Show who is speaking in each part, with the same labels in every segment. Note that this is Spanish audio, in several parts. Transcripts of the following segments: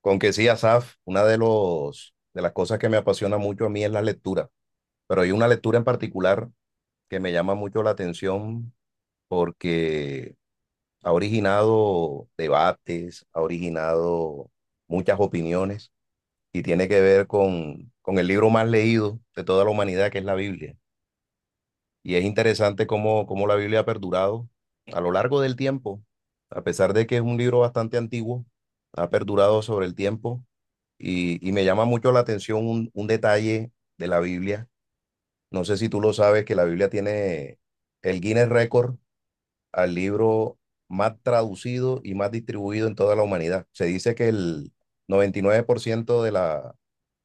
Speaker 1: Con que sí, Asaf, una de las cosas que me apasiona mucho a mí es la lectura, pero hay una lectura en particular que me llama mucho la atención porque ha originado debates, ha originado muchas opiniones y tiene que ver con el libro más leído de toda la humanidad, que es la Biblia. Y es interesante cómo la Biblia ha perdurado a lo largo del tiempo, a pesar de que es un libro bastante antiguo, ha perdurado sobre el tiempo y me llama mucho la atención un detalle de la Biblia. No sé si tú lo sabes, que la Biblia tiene el Guinness Record al libro más traducido y más distribuido en toda la humanidad. Se dice que el 99% de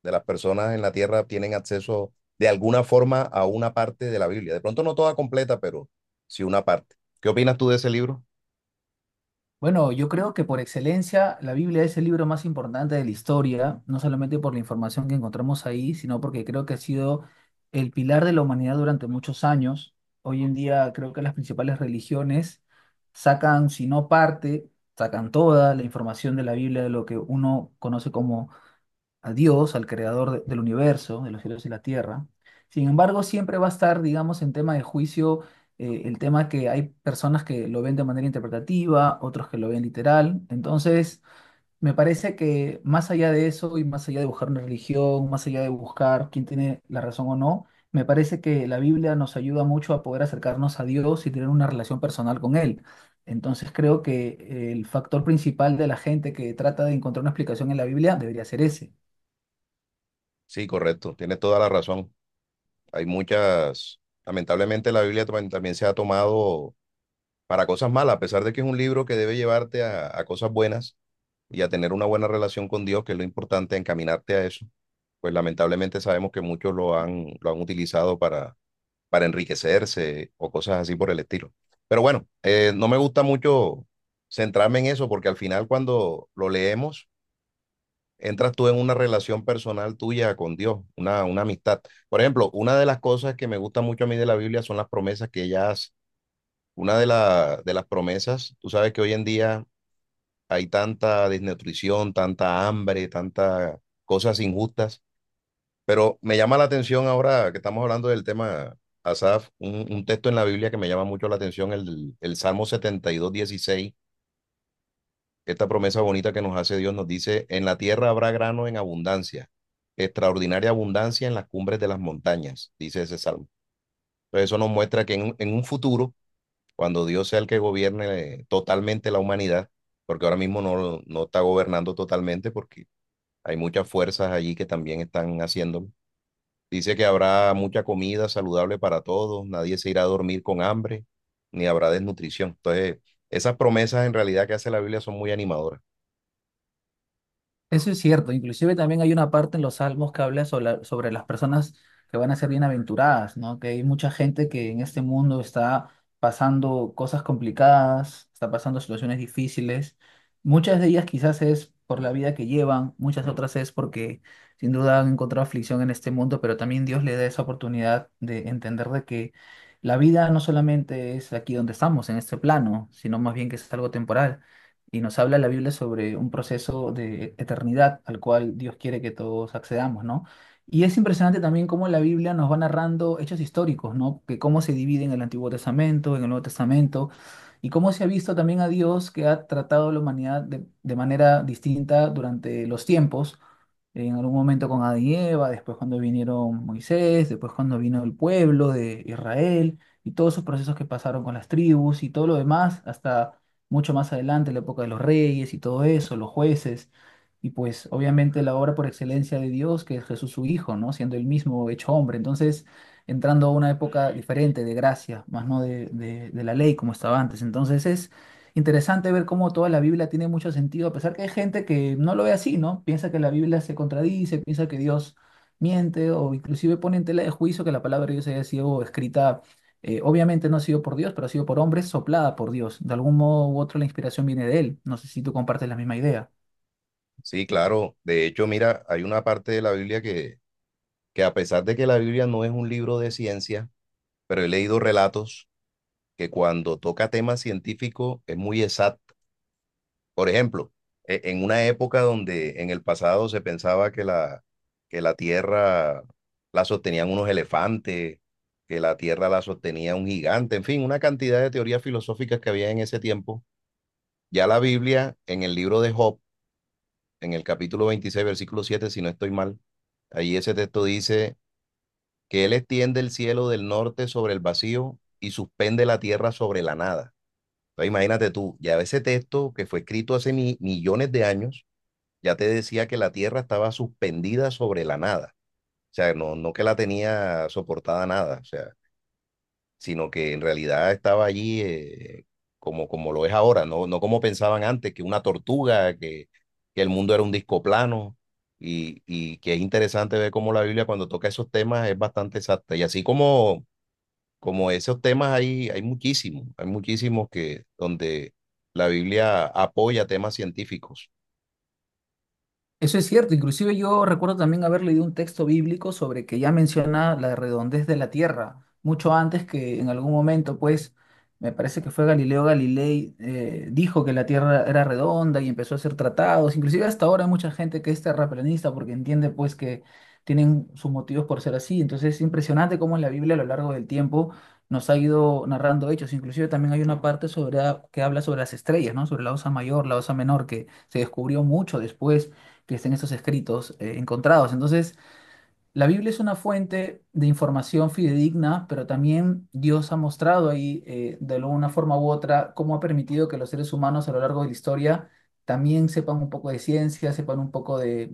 Speaker 1: de las personas en la Tierra tienen acceso de alguna forma a una parte de la Biblia. De pronto no toda completa, pero sí una parte. ¿Qué opinas tú de ese libro?
Speaker 2: Bueno, yo creo que por excelencia la Biblia es el libro más importante de la historia, no solamente por la información que encontramos ahí, sino porque creo que ha sido el pilar de la humanidad durante muchos años. Hoy en día creo que las principales religiones sacan, si no parte, sacan toda la información de la Biblia, de lo que uno conoce como a Dios, al creador del universo, de los cielos y la tierra. Sin embargo, siempre va a estar, digamos, en tema de juicio, el tema que hay personas que lo ven de manera interpretativa, otros que lo ven literal. Entonces, me parece que más allá de eso y más allá de buscar una religión, más allá de buscar quién tiene la razón o no, me parece que la Biblia nos ayuda mucho a poder acercarnos a Dios y tener una relación personal con Él. Entonces creo que el factor principal de la gente que trata de encontrar una explicación en la Biblia debería ser ese.
Speaker 1: Sí, correcto, tienes toda la razón. Hay muchas, lamentablemente la Biblia también se ha tomado para cosas malas, a pesar de que es un libro que debe llevarte a cosas buenas, y a tener una buena relación con Dios, que es lo importante, encaminarte a eso, pues lamentablemente sabemos que muchos lo han utilizado para enriquecerse o cosas así por el estilo. Pero bueno, no me gusta mucho centrarme en eso porque al final cuando lo leemos, entras tú en una relación personal tuya con Dios, una amistad. Por ejemplo, una de las cosas que me gusta mucho a mí de la Biblia son las promesas que ella hace. Una de las promesas, tú sabes que hoy en día hay tanta desnutrición, tanta hambre, tantas cosas injustas. Pero me llama la atención ahora que estamos hablando del tema, Asaf, un texto en la Biblia que me llama mucho la atención, el Salmo 72:16. Esta promesa bonita que nos hace Dios nos dice, en la tierra habrá grano en abundancia, extraordinaria abundancia en las cumbres de las montañas, dice ese salmo. Entonces eso nos muestra que en un futuro, cuando Dios sea el que gobierne totalmente la humanidad, porque ahora mismo no está gobernando totalmente porque hay muchas fuerzas allí que también están haciéndolo. Dice que habrá mucha comida saludable para todos, nadie se irá a dormir con hambre, ni habrá desnutrición. Entonces, esas promesas en realidad que hace la Biblia son muy animadoras.
Speaker 2: Eso es cierto, inclusive también hay una parte en los Salmos que habla sobre, sobre las personas que van a ser bienaventuradas, ¿no? Que hay mucha gente que en este mundo está pasando cosas complicadas, está pasando situaciones difíciles. Muchas de ellas quizás es por la vida que llevan, muchas otras es porque sin duda han encontrado aflicción en este mundo, pero también Dios le da esa oportunidad de entender de que la vida no solamente es aquí donde estamos, en este plano, sino más bien que es algo temporal y nos habla la Biblia sobre un proceso de eternidad al cual Dios quiere que todos accedamos, ¿no? Y es impresionante también cómo la Biblia nos va narrando hechos históricos, ¿no? Que cómo se divide en el Antiguo Testamento, en el Nuevo Testamento, y cómo se ha visto también a Dios que ha tratado a la humanidad de manera distinta durante los tiempos en algún momento con Adán y Eva, después cuando vinieron Moisés, después cuando vino el pueblo de Israel, y todos esos procesos que pasaron con las tribus y todo lo demás, hasta mucho más adelante, la época de los reyes y todo eso, los jueces, y pues obviamente la obra por excelencia de Dios, que es Jesús su Hijo, ¿no? Siendo el mismo hecho hombre, entonces entrando a una época diferente de gracia, más no de la ley como estaba antes, entonces es interesante ver cómo toda la Biblia tiene mucho sentido, a pesar que hay gente que no lo ve así, ¿no? Piensa que la Biblia se contradice, piensa que Dios miente o inclusive pone en tela de juicio que la palabra de Dios haya sido escrita, obviamente no ha sido por Dios, pero ha sido por hombres, soplada por Dios. De algún modo u otro la inspiración viene de él. No sé si tú compartes la misma idea.
Speaker 1: Sí, claro. De hecho, mira, hay una parte de la Biblia que a pesar de que la Biblia no es un libro de ciencia, pero he leído relatos que cuando toca temas científicos es muy exacto. Por ejemplo, en una época donde en el pasado se pensaba que la tierra la sostenían unos elefantes, que la tierra la sostenía un gigante, en fin, una cantidad de teorías filosóficas que había en ese tiempo. Ya la Biblia, en el libro de Job, en el capítulo 26 versículo 7, si no estoy mal, ahí ese texto dice que él extiende el cielo del norte sobre el vacío y suspende la tierra sobre la nada. Entonces, imagínate tú, ya ese texto que fue escrito hace millones de años ya te decía que la Tierra estaba suspendida sobre la nada. O sea, no que la tenía soportada nada, o sea, sino que en realidad estaba allí, como lo es ahora, no como pensaban antes, que una tortuga, que el mundo era un disco plano. Y que es interesante ver cómo la Biblia cuando toca esos temas es bastante exacta. Y así como esos temas hay, muchísimos, hay muchísimos que donde la Biblia apoya temas científicos.
Speaker 2: Eso es cierto, inclusive yo recuerdo también haber leído un texto bíblico sobre que ya menciona la redondez de la tierra, mucho antes que en algún momento, pues, me parece que fue Galileo Galilei, dijo que la tierra era redonda y empezó a hacer tratados, inclusive hasta ahora hay mucha gente que es terraplanista porque entiende pues que tienen sus motivos por ser así, entonces es impresionante cómo la Biblia a lo largo del tiempo nos ha ido narrando hechos, inclusive también hay una parte sobre, que habla sobre las estrellas, ¿no? Sobre la Osa Mayor, la Osa Menor, que se descubrió mucho después que estén estos escritos encontrados. Entonces, la Biblia es una fuente de información fidedigna, pero también Dios ha mostrado ahí, de alguna forma u otra, cómo ha permitido que los seres humanos a lo largo de la historia también sepan un poco de ciencia, sepan un poco de,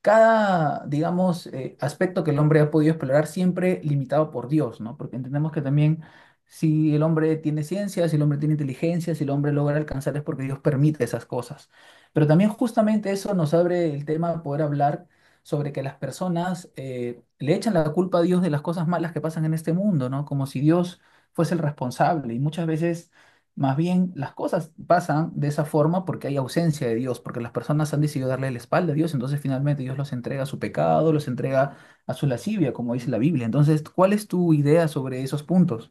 Speaker 2: cada, digamos, aspecto que el hombre ha podido explorar siempre limitado por Dios, ¿no? Porque entendemos que también si el hombre tiene ciencia, si el hombre tiene inteligencia, si el hombre logra alcanzar es porque Dios permite esas cosas. Pero también justamente eso nos abre el tema de poder hablar sobre que las personas le echan la culpa a Dios de las cosas malas que pasan en este mundo, ¿no? Como si Dios fuese el responsable. Y muchas veces más bien, las cosas pasan de esa forma porque hay ausencia de Dios, porque las personas han decidido darle la espalda a Dios, entonces finalmente Dios los entrega a su pecado, los entrega a su lascivia, como dice la Biblia. Entonces, ¿cuál es tu idea sobre esos puntos?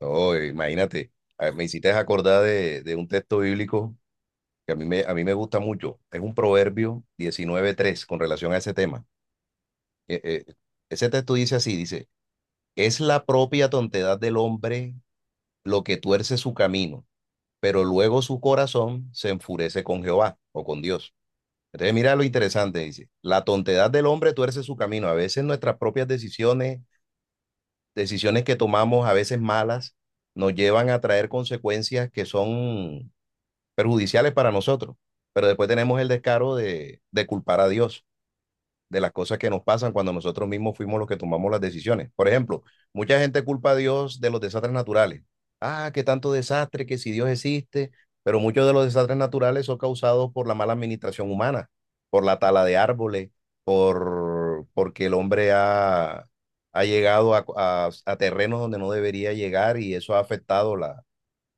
Speaker 1: No, imagínate, me hiciste acordar de un texto bíblico que a mí me gusta mucho. Es un Proverbio 19:3 con relación a ese tema. Eh, eh, ese texto dice así, dice, es la propia tontedad del hombre lo que tuerce su camino, pero luego su corazón se enfurece con Jehová o con Dios. Entonces mira lo interesante, dice, la tontedad del hombre tuerce su camino. A veces nuestras propias decisiones, decisiones que tomamos a veces malas, nos llevan a traer consecuencias que son perjudiciales para nosotros, pero después tenemos el descaro de culpar a Dios de las cosas que nos pasan cuando nosotros mismos fuimos los que tomamos las decisiones. Por ejemplo, mucha gente culpa a Dios de los desastres naturales. Ah, qué tanto desastre, que si Dios existe, pero muchos de los desastres naturales son causados por la mala administración humana, por la tala de árboles, porque el hombre ha llegado a terrenos donde no debería llegar y eso ha afectado la,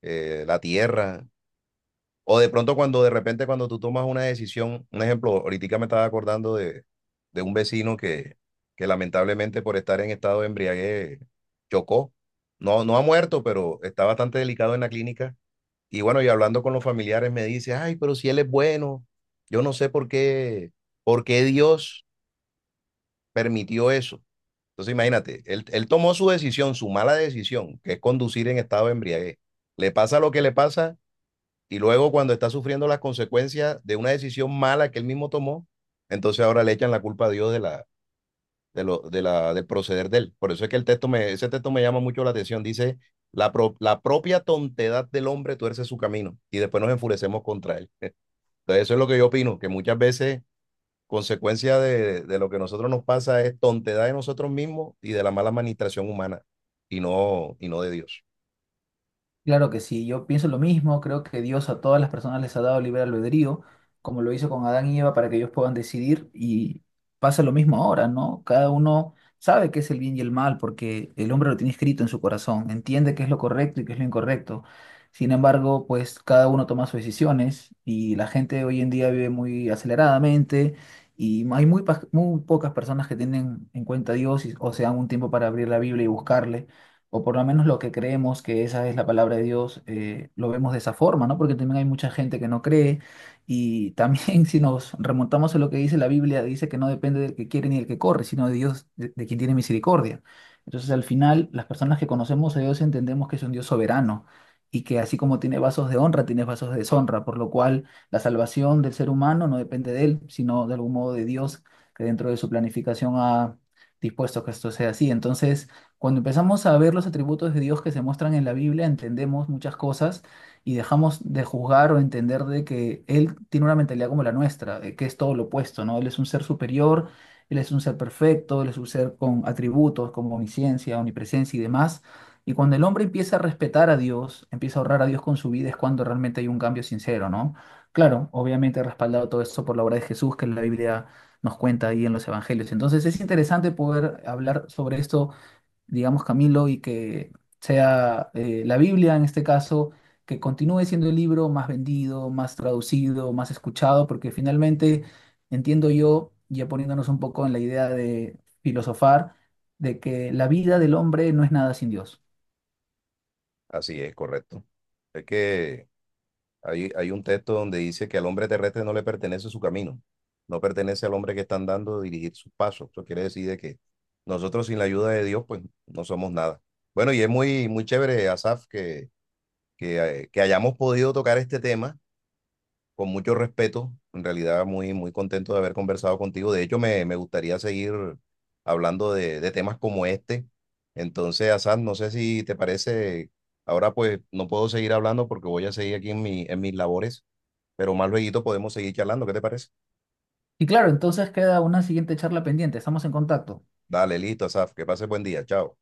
Speaker 1: eh, la tierra. O de pronto cuando de repente cuando tú tomas una decisión, un ejemplo, ahorita me estaba acordando de un vecino que lamentablemente por estar en estado de embriaguez chocó. No, no ha muerto, pero está bastante delicado en la clínica. Y bueno, y hablando con los familiares me dice, ay, pero si él es bueno, yo no sé por qué Dios permitió eso. Entonces imagínate, él tomó su decisión, su mala decisión, que es conducir en estado de embriaguez. Le pasa lo que le pasa, y luego cuando está sufriendo las consecuencias de una decisión mala que él mismo tomó, entonces ahora le echan la culpa a Dios de la, de lo, de la, del proceder de él. Por eso es que ese texto me llama mucho la atención. Dice, la propia tontedad del hombre tuerce su camino y después nos enfurecemos contra él. Entonces eso es lo que yo opino, que muchas veces consecuencia de lo que a nosotros nos pasa es tontedad de nosotros mismos y de la mala administración humana y no de Dios.
Speaker 2: Claro que sí, yo pienso lo mismo, creo que Dios a todas las personas les ha dado libre albedrío, como lo hizo con Adán y Eva para que ellos puedan decidir y pasa lo mismo ahora, ¿no? Cada uno sabe qué es el bien y el mal porque el hombre lo tiene escrito en su corazón, entiende qué es lo correcto y qué es lo incorrecto. Sin embargo, pues cada uno toma sus decisiones y la gente hoy en día vive muy aceleradamente y hay muy, muy pocas personas que tienen en cuenta a Dios o se dan un tiempo para abrir la Biblia y buscarle o por lo menos lo que creemos que esa es la palabra de Dios, lo vemos de esa forma, ¿no? Porque también hay mucha gente que no cree y también si nos remontamos a lo que dice la Biblia, dice que no depende del que quiere ni del que corre, sino de Dios, de quien tiene misericordia. Entonces al final las personas que conocemos a Dios entendemos que es un Dios soberano. Y que así como tiene vasos de honra, tiene vasos de deshonra, por lo cual la salvación del ser humano no depende de él, sino de algún modo de Dios, que dentro de su planificación ha dispuesto que esto sea así. Entonces, cuando empezamos a ver los atributos de Dios que se muestran en la Biblia, entendemos muchas cosas y dejamos de juzgar o entender de que Él tiene una mentalidad como la nuestra, de que es todo lo opuesto, ¿no? Él es un ser superior, Él es un ser perfecto, Él es un ser con atributos como omnisciencia, omnipresencia y demás. Y cuando el hombre empieza a respetar a Dios, empieza a honrar a Dios con su vida, es cuando realmente hay un cambio sincero, ¿no? Claro, obviamente respaldado todo esto por la obra de Jesús que la Biblia nos cuenta ahí en los evangelios. Entonces es interesante poder hablar sobre esto digamos, Camilo, y que sea la Biblia en este caso, que continúe siendo el libro más vendido, más traducido, más escuchado, porque finalmente entiendo yo, ya poniéndonos un poco en la idea de filosofar, de que la vida del hombre no es nada sin Dios.
Speaker 1: Así es, correcto. Es que hay un texto donde dice que al hombre terrestre no le pertenece su camino, no pertenece al hombre que está andando dirigir sus pasos. Eso quiere decir de que nosotros sin la ayuda de Dios, pues no somos nada. Bueno, y es muy, muy chévere, Asaf, que hayamos podido tocar este tema con mucho respeto, en realidad muy, muy contento de haber conversado contigo. De hecho, me gustaría seguir hablando de temas como este. Entonces, Hassan, no sé si te parece, ahora pues no puedo seguir hablando porque voy a seguir aquí en mis labores, pero más luego podemos seguir charlando, ¿qué te parece?
Speaker 2: Y claro, entonces queda una siguiente charla pendiente, estamos en contacto.
Speaker 1: Dale, listo, Asaf, que pases buen día, chao.